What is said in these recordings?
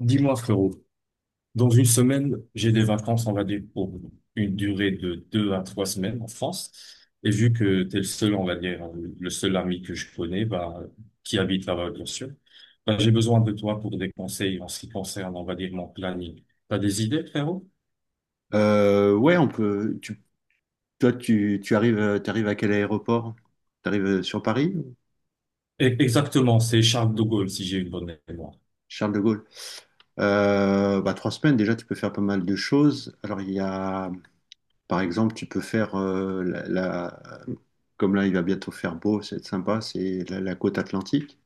Dis-moi, frérot, dans une semaine, j'ai des vacances, on va dire, pour une durée de 2 à 3 semaines en France. Et vu que t'es le seul, on va dire, le seul ami que je connais, bah, qui habite là-bas, bien sûr, bah, j'ai besoin de toi pour des conseils en ce qui concerne, on va dire, mon planning. T'as des idées, frérot? Ouais, on peut. Toi, tu arrives, t'arrives à quel aéroport? T'arrives sur Paris, ou Exactement, c'est Charles de Gaulle, si j'ai une bonne mémoire. Charles de Gaulle. Bah, 3 semaines déjà, tu peux faire pas mal de choses. Alors il y a, par exemple, tu peux faire comme là il va bientôt faire beau, c'est sympa, c'est la côte atlantique.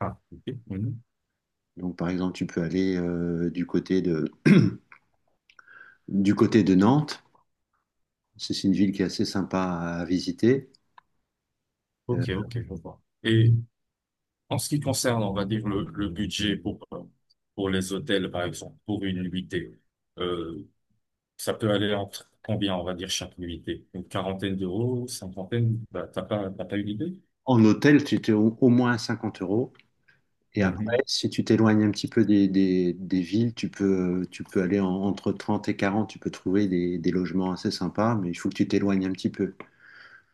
Ah, ok. Mhm. Donc par exemple, tu peux aller du côté de Nantes. C'est une ville qui est assez sympa à visiter. Euh, Ok, ok, je vois. Et, en ce qui concerne, on va dire, le budget pour, pour les hôtels, par exemple, pour une nuitée, euh, ça peut aller entre combien, on va dire, chaque nuitée? Une quarantaine d'euros, cinquantaine? Bah, t'as pas une idée? En hôtel, tu étais au moins à 50 euros. Et après, Mhm. si tu t'éloignes un petit peu des villes, tu peux aller entre 30 et 40. Tu peux trouver des logements assez sympas, mais il faut que tu t'éloignes un petit peu.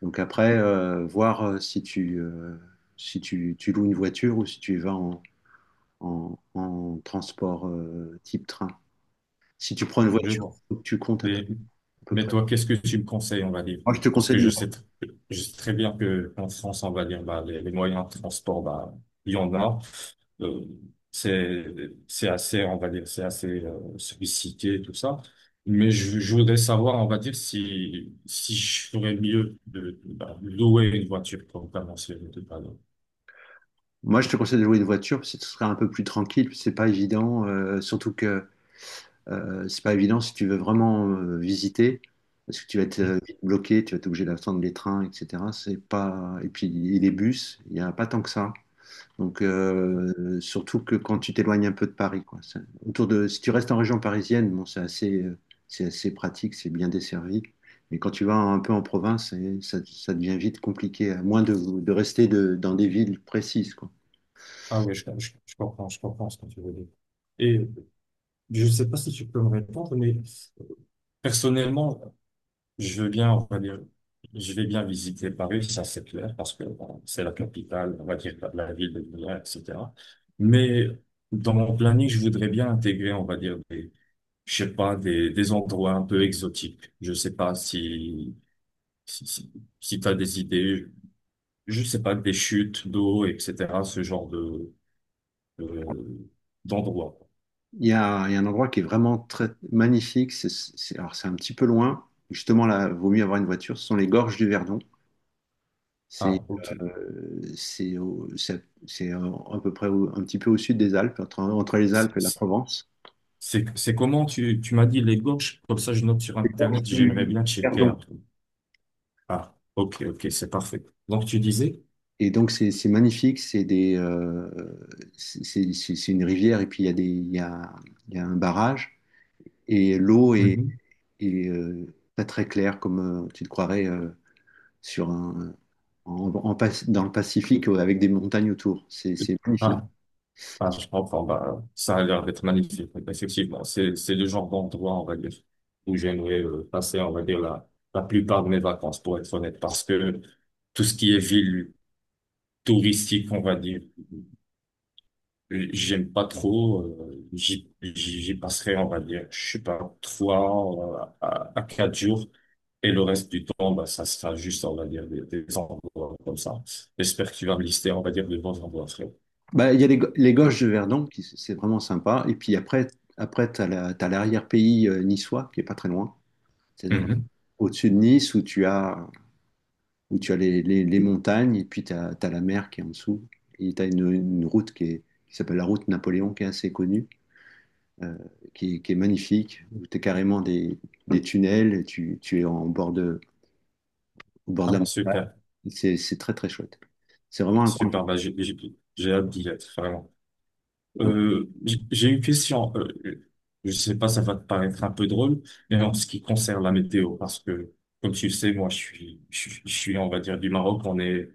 Donc après, voir si tu loues une voiture ou si tu y vas en transport, type train. Si tu prends une Je voiture, vois. faut que tu comptes Et- à peu mais près. toi, qu'est-ce que tu me conseilles, on va dire? Moi, je te Parce conseille, que je sais très bien que en France, on va dire, bah, les moyens de transport, bah, il y en a. Euh, c'est c'est assez, on va dire, c'est assez sollicité, tout ça. Mais je voudrais savoir, on va dire, si je ferais mieux de, bah, louer une voiture pour commencer le dépanner. moi, je te conseille de louer une voiture parce que ce sera un peu plus tranquille, puis c'est pas évident, surtout que c'est pas évident si tu veux vraiment visiter, parce que tu vas être vite bloqué, tu vas être obligé d'attendre les trains, etc. C'est pas... Et puis les bus, il n'y a pas tant que ça. Donc surtout que quand tu t'éloignes un peu de Paris, quoi. Si tu restes en région parisienne, bon, c'est assez pratique, c'est bien desservi. Mais quand tu vas un peu en province, ça devient vite compliqué, à moins de rester dans des villes précises, quoi. Ah oui, je comprends, je comprends ce que tu veux dire. Et je ne sais pas si tu peux me répondre, mais personnellement, je veux bien, on va dire, je vais bien visiter Paris, ça c'est clair, parce que bon, c'est la capitale, on va dire de la ville de Milan, etc. Mais dans mon planning, je voudrais bien intégrer, on va dire, des, je sais pas, des endroits un peu exotiques. Je sais pas si, si, si t'as des idées, je sais pas, des chutes d'eau, etc., ce genre de- d'endroits. Il y a un endroit qui est vraiment très magnifique. Alors c'est un petit peu loin. Justement, là, vaut mieux avoir une voiture. Ce sont les gorges du Verdon. C'est Ah, ok. c'est à peu près un petit peu au sud des Alpes, entre les Alpes et la C'est, Provence. c'est comment tu m'as dit les gorges, comme ça je note sur Internet, j'aimerais Du bien checker. Verdon. après. Ah, ok, ok, c'est parfait. Donc tu disais? Et donc c'est magnifique. C'est des c'est une rivière et puis il y a un barrage et l'eau est, Mhm. est, euh, pas très claire comme tu te croirais. Sur un, en, en Pas- Dans le Pacifique, avec des montagnes autour. C'est magnifique. Ah, ah, je comprends. Bah, ça a l'air d'être magnifique. Effectivement, c'est le genre d'endroit, on va dire, où j'aimerais passer, on va dire, la plupart de mes vacances, pour être honnête, parce que tout ce qui est ville touristique, on va dire, j'aime pas trop. J'y passerai, on va dire, je sais pas, trois à quatre jours. Et le reste du temps, bah, ça sera juste, on va dire, des envois comme ça. J'espère que tu vas me lister, on va dire, de bons envois, frérot. Bah, il y a les Gorges de Verdon, c'est vraiment sympa. Et puis après, t'as l'arrière-pays niçois, qui est pas très loin. C'est-à-dire Mhm. au-dessus de Nice, où tu as les montagnes, et puis tu as la mer qui est en dessous. Et tu as une route qui s'appelle la route Napoléon, qui est assez connue, euh, qui est magnifique, où tu es carrément des tunnels, et tu es en bord au bord Ah de bah, la super, C'est très très chouette. C'est vraiment un coin. De- super, bah, j'ai hâte d'y être, vraiment. Donc, J'ai une question, je sais pas, ça va te paraître un peu drôle, mais en ce qui concerne la météo, parce que, comme tu le sais, moi, je suis, on va dire, du Maroc, on est,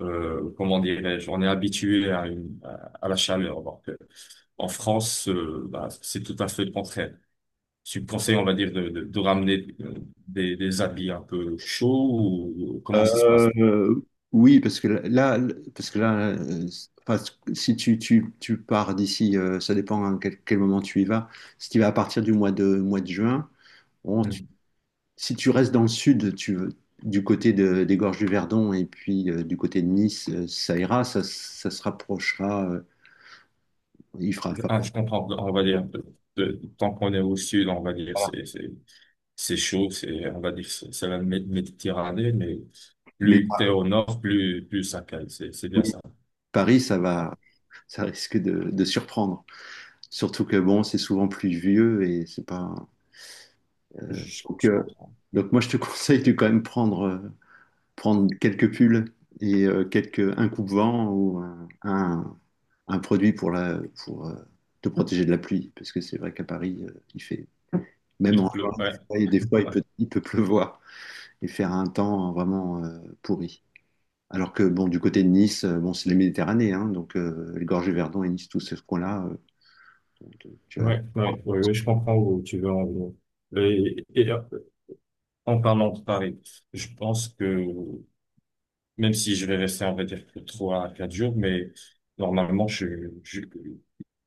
comment dirais-je, on est habitué à la chaleur, alors que en France, bah, c'est tout à fait le contraire. Tu me conseilles, on va dire, de ramener des habits un peu chauds ou comment ça se passe? euh, oui, parce que là, enfin, si tu pars d'ici, ça dépend à quel moment tu y vas. Si tu y vas à partir du mois de juin, bon, Hmm. Si tu restes dans le sud, des gorges du Verdon et puis du côté de Nice, ça ira, ça se rapprochera, il fera. Enfin, Ah, je comprends, on va dire, tant qu'on est au sud, on va dire, c'est chaud, c'est, on va dire, c'est la Méditerranée, mais mais plus t'es au nord, plus ça cale, c'est bien oui, ça. Paris, ça Ah, va, ça risque de surprendre. Surtout que bon, c'est souvent pluvieux et c'est pas. je, Donc, je euh, comprends. donc moi, je te conseille de quand même prendre quelques pulls et un coupe-vent ou un produit pour te protéger de la pluie. Parce que c'est vrai qu'à Paris, même Il en juin, pleut, ouais, des fois, il ouais, peut, il peut pleuvoir et faire un temps vraiment pourri. Alors que bon, du côté de Nice, bon, c'est la Méditerranée, hein, donc les gorges du Verdon et Nice, tout ce coin-là, tu vois. ouais, ouais, ouais, ouais, je comprends où tu veux en venir. Et, en parlant de Paris, je pense que même si je vais rester, on va dire, que 3 à 4 jours, mais normalement, je, je,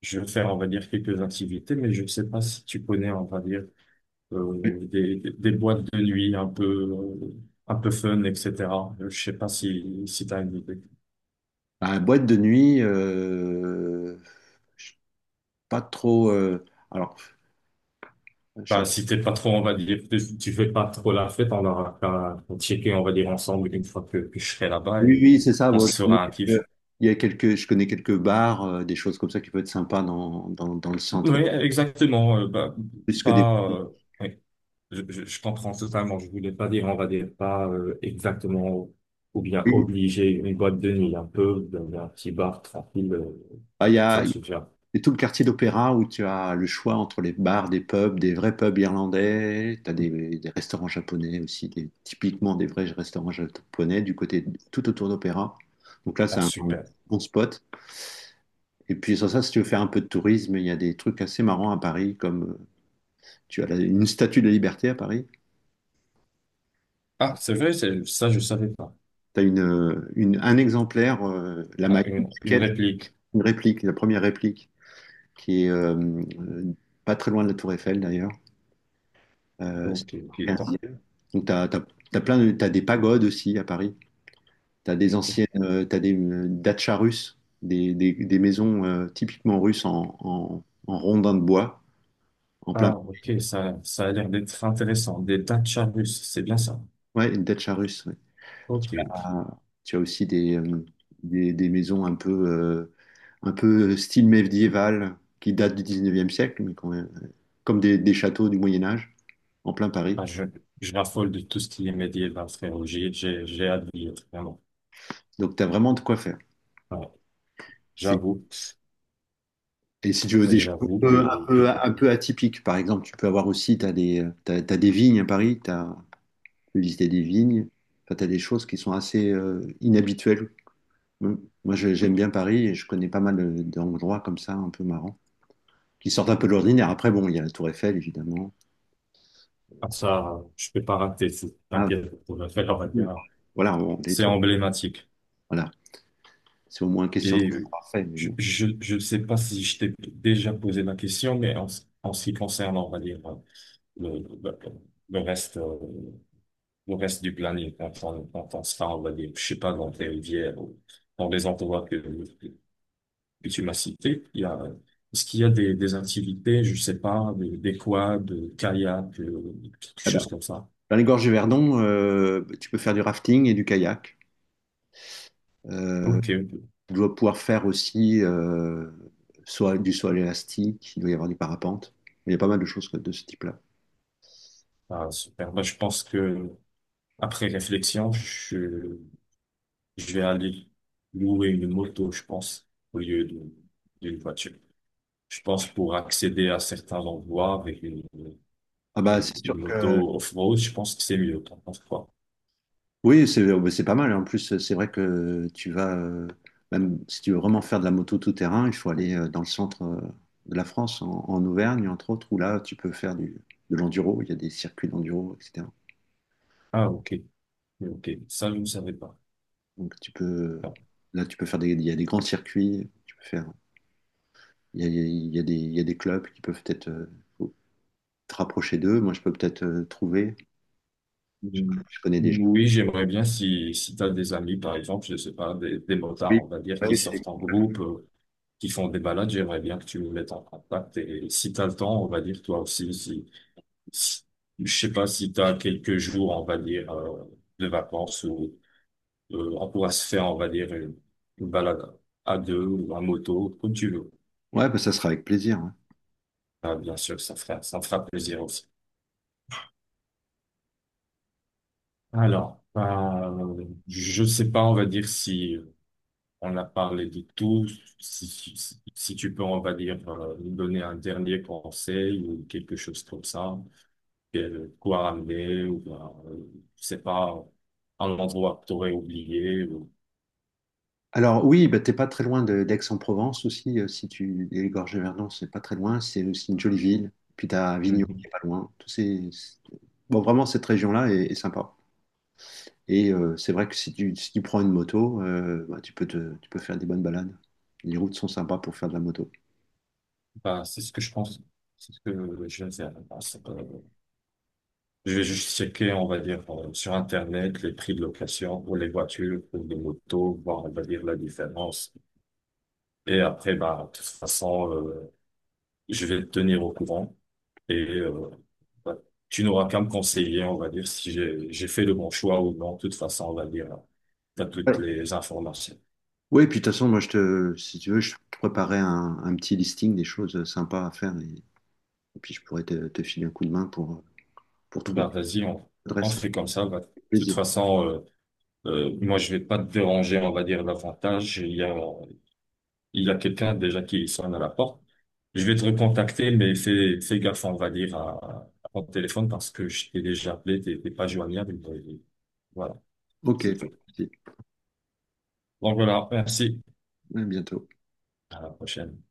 je vais faire, on va dire, quelques activités, mais je ne sais pas si tu connais, on va dire, des boîtes de nuit un peu fun, etc. Je sais pas si t'as une idée. Bah, boîte de nuit, je suis pas trop. Alors, je suis Bah, si t'es pas trop, on va dire, que tu fais pas trop la fête, on aura qu'à checker, on va dire, ensemble une fois que je serai là-bas Oui, et oui, c'est ça. on Bon, je se connais fera un kiff. quelques, il y a quelques, je connais quelques bars, des choses comme ça qui peuvent être sympas dans le centre. Oui, exactement. Bah, Plus que des... pas, ouais. Je comprends totalement. Je voulais pas dire, on va dire pas exactement ou bien Oui. obliger une boîte de nuit, un peu dans un petit bar tranquille, Ah, il y ça a, me il suffira. y a tout le quartier d'opéra où tu as le choix entre les bars, des pubs, des vrais pubs irlandais. Tu as des restaurants japonais aussi, typiquement des vrais restaurants japonais du côté tout autour d'opéra. Donc là, Ah, c'est un super. bon spot. Et puis sur ça, si tu veux faire un peu de tourisme, il y a des trucs assez marrants à Paris, comme une statue de la liberté à Paris. Ah, c'est vrai, c'est ça, je savais pas. Un exemplaire, la Ah, une maquette, réplique. une réplique, la première réplique, qui est euh, pas très loin de la Tour Eiffel d'ailleurs. Ok, ok, C'est un bon. siècle. Donc t'as des pagodes aussi à Paris. T'as des dachas russes, des maisons typiquement russes en rondins de bois, en plein. Ah, ok, ça a l'air d'être intéressant. Des Dacia russes, c'est bien ça. Ouais, une dacha russe. Tu Ok, ok. as, tu as aussi des maisons un peu style médiéval qui datent du 19e siècle, mais quand même, comme des châteaux du Moyen Âge en plein Paris. Ah, je raffole de tout ce qui est médiéval, frérot. J'ai hâte de lire, vraiment. Donc tu as vraiment de quoi faire. Ah, C'est- j'avoue, Et si tu veux mais des choses un j'avoue peu, un que. peu, un peu atypiques, par exemple, tu peux avoir aussi, tu as des, t'as- t'as des vignes à Paris, tu peux visiter des vignes, enfin, tu as des choses qui sont assez inhabituelles. Mm. Moi, j'aime bien Paris et je connais pas mal d'endroits comme ça, un peu marrants, qui sortent un peu de l'ordinaire. Après, bon, il y a la Tour Eiffel, évidemment. Ah, ça, je peux pas rater, Ah, t'inquiète, on va faire, on va oui. dire, Voilà, des c'est trucs. emblématique. Voilà, c'est au moins une question de Et parfait. Mais je, bon. je, je sais pas si je t'ai déjà posé la question, mais en ce qui concerne, on va dire, le, le, le reste du planning, quand on sera, on va dire, je sais pas, dans tes rivières ou dans les endroits que tu m'as cités, est-ce qu'il y a des activités, je sais pas, des quads, des kayaks, quelque Ah bah, chose comme ça? dans les gorges du Verdon, tu peux faire du rafting et du kayak. Euh, Ok, ok. Tu dois pouvoir faire aussi soit du saut à élastique, il doit y avoir du parapente. Il y a pas mal de choses de ce type-là. Ah, super. Bah, je pense que après réflexion, je vais aller louer une moto, je pense, au lieu d'une voiture. Je pense pour accéder à certains endroits avec une, Ah bah c'est sûr une que moto off-road, je pense que c'est mieux. T'en penses quoi? oui, c'est oh, bah, c'est pas mal. En plus, c'est vrai que même si tu veux vraiment faire de la moto tout terrain, il faut aller dans le centre de la France, en Auvergne entre autres, où là tu peux faire de l'enduro. Il y a des circuits d'enduro, etc. Ah, ok. Ok. Ça, je ne savais pas. Donc tu peux, Là tu peux il y a des grands circuits, il y a, il y a- il y a des, il y a des clubs qui peuvent peut-être faut te rapprocher d'eux. Moi je peux peut-être je, Mm. je connais des gens. Oui, j'aimerais bien si tu as des amis, par exemple, je sais pas, des Oui. motards, on va dire, qui Ouais, j'ai- sortent en groupe, qui font des balades, j'aimerais bien que tu me mettes en contact. Et si tu as le temps, on va dire, toi aussi, si, je sais pas si tu as quelques jours, on va dire, de vacances ou on pourra se faire, on va dire, une balade à deux ou en moto, comme tu veux. ouais, bah, ça sera avec plaisir. Ouais. Ah, bien sûr, ça fera plaisir aussi. Alors, je sais pas, on va dire si on a parlé de tout, si tu peux, on va dire, nous donner un dernier conseil ou quelque chose comme ça, quoi ramener ou, ben, je sais pas, un endroit que tu aurais oublié. Alors oui, bah, t'es pas très loin d'Aix-en-Provence aussi, si tu, et les gorges de Verdon, c'est pas très loin, c'est aussi une jolie ville. Puis t'as Avignon qui est pas loin. Bon vraiment cette région-là est sympa. Et c'est vrai que si tu prends une moto, bah, tu peux faire des bonnes balades. Les routes sont sympas pour faire de la moto. Bah, c'est ce que je pense. C'est ce que je vais faire. Bah, c'est pas- Je vais juste checker, on va dire, sur Internet, les prix de location pour les voitures, pour les motos, voir, on va dire, la différence. Et après, bah, de toute façon, je vais te tenir au courant. Et bah, tu n'auras qu'à me conseiller, on va dire, si j'ai fait le bon choix ou non. De toute façon, on va dire, tu as Ouais. toutes les informations. Oui, puis de toute façon, si tu veux, je te préparais un petit listing des choses sympas à faire et puis je pourrais te filer un coup de main pour trouver Ben vas-y, on l'adresse. fait comme ça. Bah, de toute Plaisir. façon, moi, je vais pas te déranger, on va dire, davantage. Il y a quelqu'un déjà qui sonne à la porte. Je vais te recontacter, mais fais gaffe, on va dire, à ton téléphone parce que je t'ai déjà appelé, t'es pas joignable. Et voilà, Ok. c'est tout. Donc voilà, merci. Ouais, à bientôt. À la prochaine.